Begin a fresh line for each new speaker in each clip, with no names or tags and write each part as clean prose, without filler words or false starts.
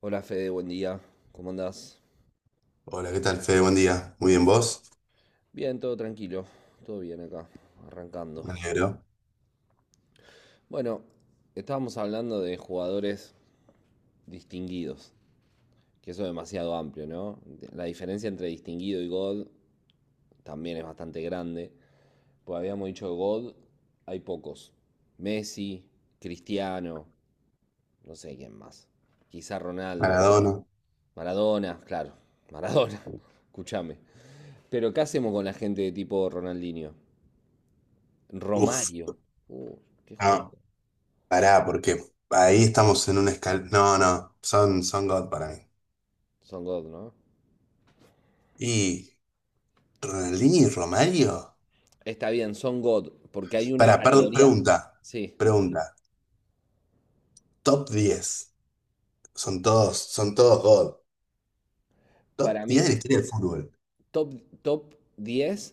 Hola Fede, buen día. ¿Cómo andás?
Hola, ¿qué tal, Fede? Buen día. Muy bien, ¿vos?
Bien, todo tranquilo. Todo bien acá, arrancando.
Me alegro.
Bueno, estábamos hablando de jugadores distinguidos, que eso es demasiado amplio, ¿no? La diferencia entre distinguido y God también es bastante grande. Pues habíamos dicho God, hay pocos. Messi, Cristiano, no sé quién más. Quizá Ronaldo.
Maradona.
Maradona, claro. Maradona, escúchame. Pero ¿qué hacemos con la gente de tipo Ronaldinho?
Uf,
Romario. Uh, qué
no,
juego.
pará, porque ahí estamos en un No, no, son God para mí.
Son God, ¿no?
¿Y Ronaldinho y Romario?
Está bien, son God, porque hay una
Pará, perdón,
categoría.
pregunta.
Sí,
Pregunta. Top 10. Son todos God. Top
para
10
mí,
de la historia del fútbol.
top, top diez,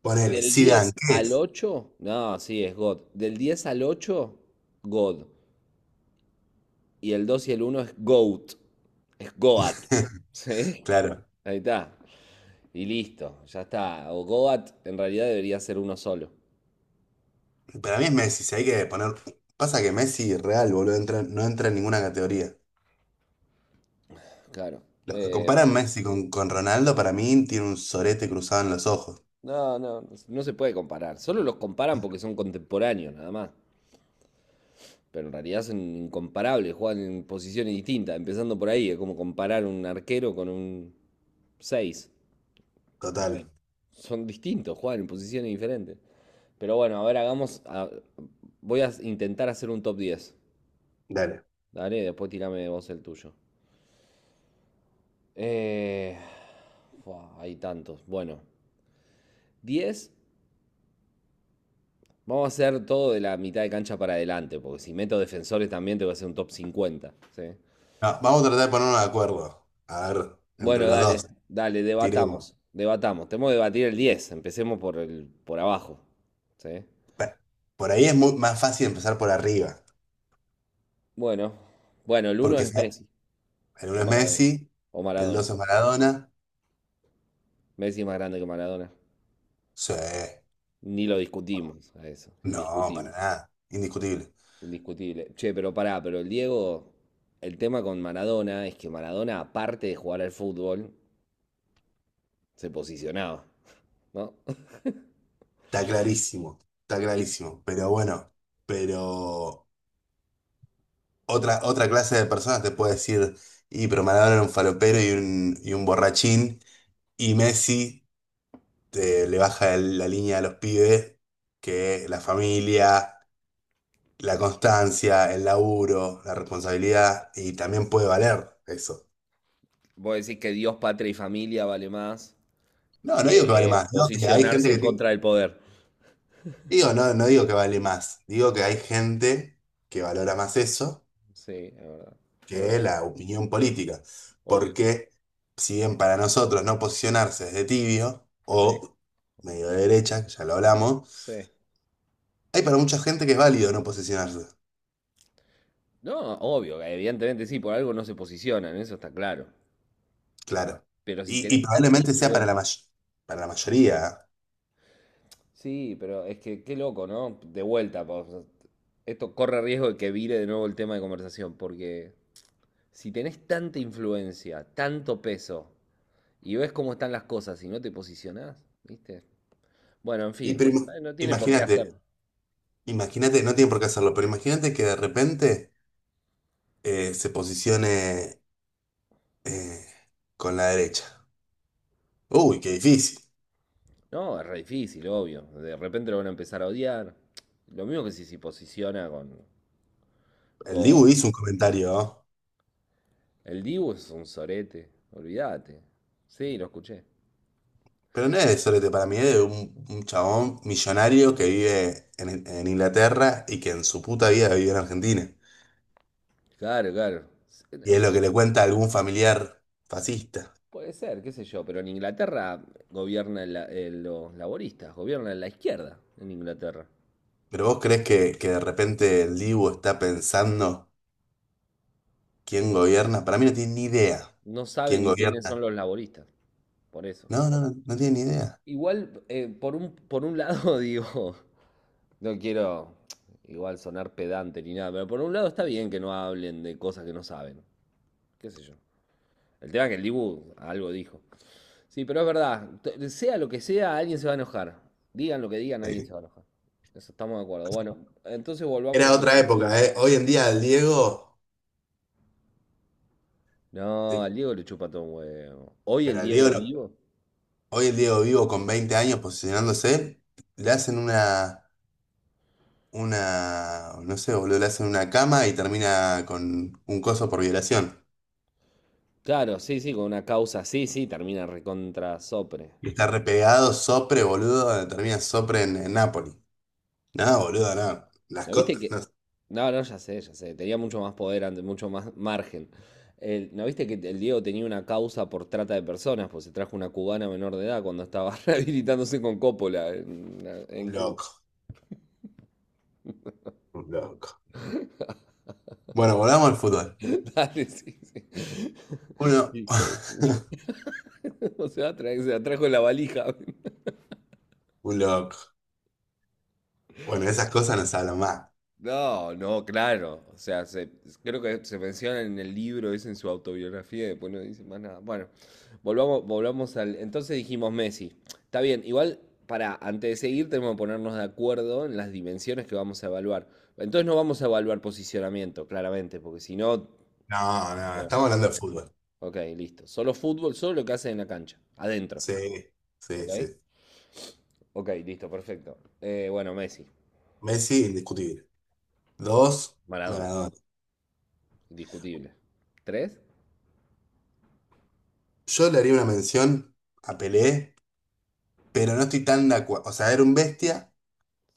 Ponele,
del 10
Zidane, ¿qué
al
es?
ocho. No, sí, es God. Del 10 al ocho, God. Y el 2 y el uno es GOAT. Es Goat. Sí,
Claro.
ahí está. Y listo, ya está. O Goat en realidad debería ser uno solo.
Para mí es Messi, si hay que poner... Pasa que Messi real, boludo, no entra en ninguna categoría.
Claro.
Los que
Eh,
comparan Messi con Ronaldo, para mí, tiene un sorete cruzado en los ojos.
No, no, no se puede comparar. Solo los comparan porque son contemporáneos, nada más. Pero en realidad son incomparables, juegan en posiciones distintas. Empezando por ahí, es como comparar un arquero con un 6.
Total.
Primero. Son distintos, juegan en posiciones diferentes. Pero bueno, a ver, hagamos. Voy a intentar hacer un top 10.
Dale.
Dale, después tirame vos el tuyo. Eh, fua, hay tantos. Bueno, 10. Vamos a hacer todo de la mitad de cancha para adelante, porque si meto defensores también te voy a hacer un top 50. ¿Sí?
No, vamos a tratar de ponernos de acuerdo. A ver, entre
Bueno,
los
dale,
dos,
dale,
tiremos.
debatamos, debatamos. Tenemos que debatir el 10. Empecemos por abajo, ¿sí?
Pa- Por ahí es más fácil empezar por arriba.
Bueno, bueno, el uno
Porque
es Messi
el uno
o
es
Maradona,
Messi,
o
el
Maradona.
dos es Maradona.
Messi es más grande que Maradona.
Sí.
Ni lo discutimos a eso,
No, para
indiscutible,
nada. Indiscutible.
indiscutible. Che, pero pará, pero el Diego, el tema con Maradona es que Maradona, aparte de jugar al fútbol, se posicionaba, ¿no?
Está clarísimo. Está clarísimo. Pero bueno, pero otra clase de personas te puede decir, y pero Maradona era un falopero y y un borrachín. Y Messi le baja la línea a los pibes que la familia, la constancia, el laburo, la responsabilidad, y también puede valer eso.
Vos decís que Dios, patria y familia vale más
No, no digo que vale
que
más, digo que hay gente
posicionarse
que
en contra del poder.
Digo, no, no digo que vale más, digo que hay gente que valora más eso
Sí, es verdad. Es
que
verdad,
la opinión política.
obvio.
Porque si bien para nosotros no posicionarse es de tibio
Sí,
o medio de derecha, que ya lo hablamos,
sí.
hay para mucha gente que es válido no posicionarse.
No, obvio, evidentemente sí, por algo no se posicionan, eso está claro.
Claro.
Pero si
Y
tenés tanta
probablemente sea para la
influencia.
para la mayoría, ¿eh?
Sí, pero es que qué loco, ¿no? De vuelta, po, o sea, esto corre riesgo de que vire de nuevo el tema de conversación, porque si tenés tanta influencia, tanto peso, y ves cómo están las cosas y no te posicionás, ¿viste? Bueno, en
Y
fin,
pero
no tiene por qué hacer.
imagínate, imagínate, no tiene por qué hacerlo, pero imagínate que de repente se posicione eh, con la derecha. Uy, qué difícil.
No, es re difícil, obvio. De repente lo van a empezar a odiar. Lo mismo que si se posiciona con,
El
con...
Dibu hizo un comentario, ¿eh?
El Dibu es un sorete, olvídate. Sí, lo escuché.
Pero no es de sorete para mí, es de un chabón millonario que vive en Inglaterra y que en su puta vida vivió en Argentina.
Claro, claro.
Y
No,
es lo que le cuenta a algún familiar fascista.
puede ser, qué sé yo, pero en Inglaterra gobierna los laboristas, gobierna la izquierda en Inglaterra.
¿Pero vos crees que de repente el Dibu está pensando? ¿Quién gobierna? Para mí no tiene ni idea.
No sabe
¿Quién
ni quiénes son
gobierna?
los laboristas, por eso.
No, no, no, no tiene ni idea.
Igual, por un, lado digo, no quiero igual sonar pedante ni nada, pero por un lado está bien que no hablen de cosas que no saben, qué sé yo. El tema es que el Dibu algo dijo. Sí, pero es verdad, sea lo que sea, alguien se va a enojar. Digan lo que digan, alguien
Eh,
se va a enojar. Eso estamos de acuerdo. Bueno, entonces volvamos
Era
a...
otra época, ¿eh? Hoy en día al Diego,
No,
sí,
al Diego le chupa todo un huevo. Hoy el
pero al Diego,
Diego vivo.
hoy el Diego vivo con 20 años posicionándose, le hacen una, no sé, boludo, le hacen una cama y termina con un coso por violación.
Claro, sí, sí, con una causa, sí, sí, termina recontra sopre.
Y está repegado, sopre, boludo, termina sopre en Nápoli. No, boludo, no.
¿No viste que?
No,
No, no, ya sé, ya sé. Tenía mucho más poder antes, mucho más margen. ¿No viste que el Diego tenía una causa por trata de personas? Pues se trajo una cubana menor de edad cuando estaba rehabilitándose con Coppola en
un
Cuba.
loco, un loco. Bueno, volvamos al fútbol.
Dale, sí, sí.
Uno.
Hijo de puta. O sea, se la trajo en la valija.
Un loco. Bueno, de esas cosas no se hablan más.
No, no, claro. O sea, creo que se menciona en el libro, es en su autobiografía, y después no dice más nada. Bueno, volvamos al. Entonces dijimos Messi. Está bien, igual, para antes de seguir tenemos que ponernos de acuerdo en las dimensiones que vamos a evaluar. Entonces no vamos a evaluar posicionamiento, claramente, porque si no.
No, no,
No.
estamos hablando de fútbol.
Ok, listo. Solo fútbol, solo lo que hace en la cancha, adentro.
Sí, sí,
Ok,
sí.
ok, listo, perfecto. Bueno, Messi,
Messi, indiscutible. Dos,
Maradona,
Maradona.
indiscutible. ¿Tres?
Yo le haría una mención a Pelé, pero no estoy tan de acuerdo. O sea, era un bestia,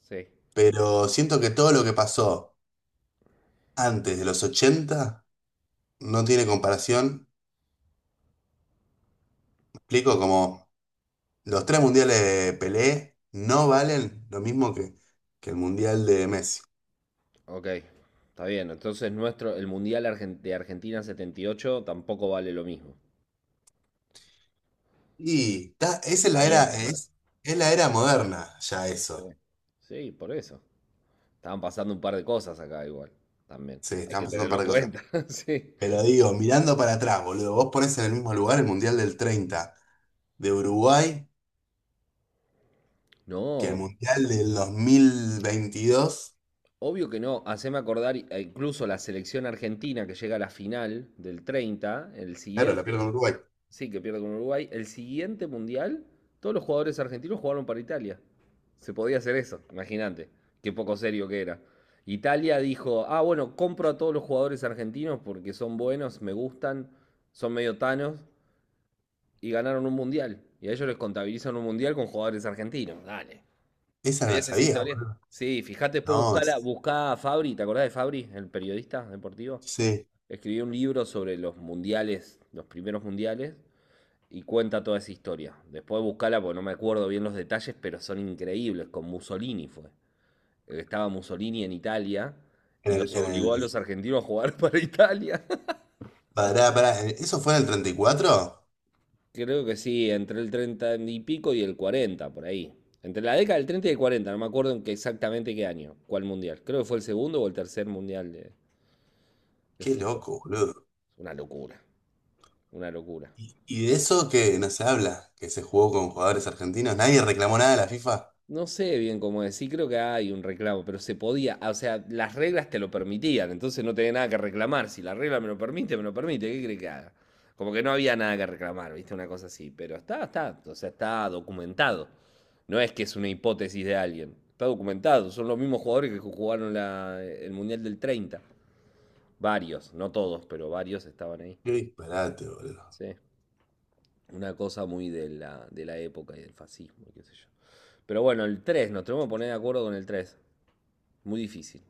Sí.
pero siento que todo lo que pasó antes de los 80 no tiene comparación. Me explico como los tres mundiales de Pelé no valen lo mismo que el mundial de Messi.
Ok, está bien. Entonces nuestro, de Argentina 78 tampoco vale lo mismo.
Y esa es
Está
la
ahí en
era,
el marco.
es la era moderna, ya
Sí.
eso.
Sí, por eso. Estaban pasando un par de cosas acá igual, también.
Sí,
Hay
están
que
pasando un
tenerlo
par
en
de cosas.
cuenta, sí.
Pero digo, mirando para atrás, boludo, vos ponés en el mismo lugar el Mundial del 30 de Uruguay que el
No,
Mundial del 2022.
obvio que no. Haceme acordar, e incluso la selección argentina que llega a la final del 30, el
Claro, la
siguiente.
pierdo con Uruguay.
Sí, que pierde con Uruguay. El siguiente mundial, todos los jugadores argentinos jugaron para Italia. Se podía hacer eso, imagínate. Qué poco serio que era. Italia dijo, ah, bueno, compro a todos los jugadores argentinos porque son buenos, me gustan, son medio tanos y ganaron un mundial. Y a ellos les contabilizan un mundial con jugadores argentinos. Dale.
Esa no la
¿Sabías esa
sabía,
historia?
boludo.
Sí, fíjate, después
No,
buscala, buscá a Fabri, ¿te acordás de Fabri, el periodista deportivo?
sí.
Escribió un libro sobre los mundiales, los primeros mundiales, y cuenta toda esa historia. Después buscala porque no me acuerdo bien los detalles, pero son increíbles. Con Mussolini fue. Estaba Mussolini en Italia
En
y
el,
los
en el,
obligó a los argentinos a jugar para Italia.
pará, pará, ¿eso fue en el 34?
Creo que sí, entre el 30 y pico y el 40 por ahí. Entre la década del 30 y el 40 no me acuerdo exactamente qué año, cuál mundial. Creo que fue el segundo o el tercer mundial de,
Qué
fútbol.
loco, boludo.
Una locura, una locura.
Y de eso que no se habla, que se jugó con jugadores argentinos, nadie reclamó nada a la FIFA.
No sé bien cómo decir, creo que hay un reclamo, pero se podía, ah, o sea, las reglas te lo permitían, entonces no tenía nada que reclamar. Si la regla me lo permite, ¿qué crees que haga? Como que no había nada que reclamar, ¿viste? Una cosa así, pero está, o sea, está documentado. No es que es una hipótesis de alguien, está documentado. Son los mismos jugadores que jugaron el Mundial del 30. Varios, no todos, pero varios estaban ahí.
Qué disparate, boludo.
Sí, una cosa muy de la época y del fascismo, qué sé yo. Pero bueno, el 3 nos tenemos que poner de acuerdo con el tres. Muy difícil.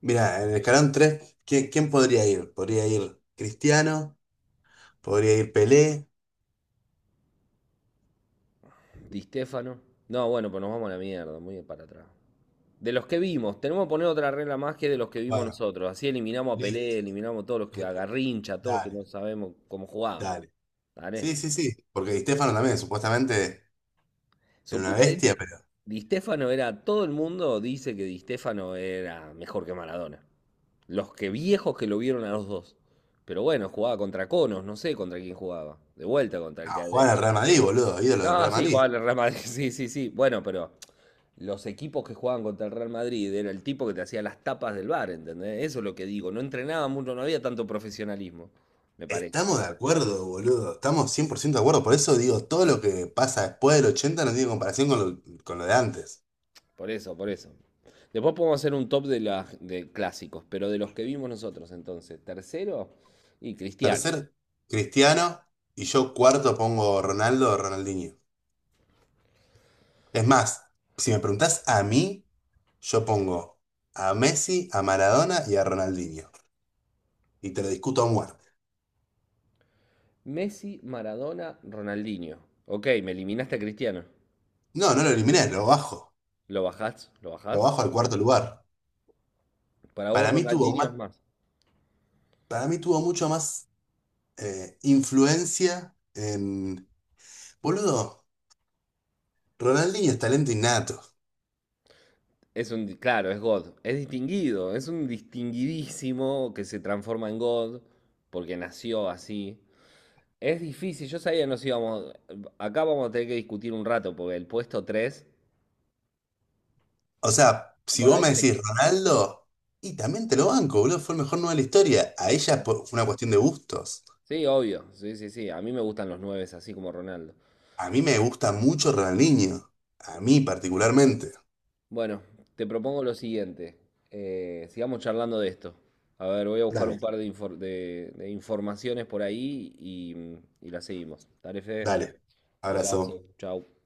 Mira, en el escalón tres, ¿quién podría ir? ¿Podría ir Cristiano? ¿Podría ir Pelé?
Di Stefano. No, bueno, pues nos vamos a la mierda, muy para atrás. De los que vimos, tenemos que poner otra regla más, que de los que vimos
Bueno,
nosotros. Así eliminamos a
listo.
Pelé, eliminamos a todos los que,
Eh,
a Garrincha, a todos los que
Dale,
no sabemos cómo jugaban.
dale.
¿Vale?
Sí, sí, sí. Porque Di Stéfano también, supuestamente, era una bestia,
Supuestamente,
pero
Di Stefano era. Todo el mundo dice que Di Stefano era mejor que Maradona. Los que viejos que lo vieron a los dos. Pero bueno, jugaba contra Conos, no sé contra quién jugaba. De vuelta contra el
no, jugaba
que.
en el Real Madrid, boludo, ídolo del
No,
Real
sí,
Madrid.
jugaba en el Real Madrid, sí, sí, sí. Bueno, pero los equipos que jugaban contra el Real Madrid era el tipo que te hacía las tapas del bar, ¿entendés? Eso es lo que digo. No entrenaba mucho, no había tanto profesionalismo, me parece.
Estamos de acuerdo, boludo. Estamos 100% de acuerdo. Por eso digo, todo lo que pasa después del 80 no tiene comparación con lo de antes.
Por eso, por eso. Después podemos hacer un top de, las de clásicos, pero de los que vimos nosotros entonces. Tercero, y Cristiano.
Tercer, Cristiano. Y yo cuarto pongo Ronaldo o Ronaldinho. Es más, si me preguntás a mí. Yo pongo a Messi, a Maradona y a Ronaldinho. Y te lo discuto a muerte.
Messi, Maradona, Ronaldinho. Ok, me eliminaste a Cristiano.
No, no lo eliminé, lo bajo.
¿Lo bajás? ¿Lo
Lo
bajás?
bajo al cuarto lugar.
Para vos
Para mí tuvo
Ronaldinho
más,
es más.
para mí tuvo mucho más influencia en. Boludo, Ronaldinho es talento innato.
Es un, claro, es God. Es distinguido, es un distinguidísimo que se transforma en God porque nació así. Es difícil, yo sabía que nos íbamos. Acá vamos a tener que discutir un rato porque el puesto tres.
O sea, si
Bueno,
vos
hay
me
que
decís
elegir.
Ronaldo, y también te lo banco, boludo, fue el mejor nueve de la historia. A ella fue una cuestión de gustos.
Sí, obvio. Sí, sí, sí. A mí me gustan los 9 así como Ronaldo.
A mí me gusta mucho Ronaldinho. A mí particularmente.
Bueno, te propongo lo siguiente. Sigamos charlando de esto. A ver, voy a buscar un
Dale,
par de informaciones por ahí, la seguimos. Dale, Fede.
dale.
Abrazo.
Abrazo.
Chau.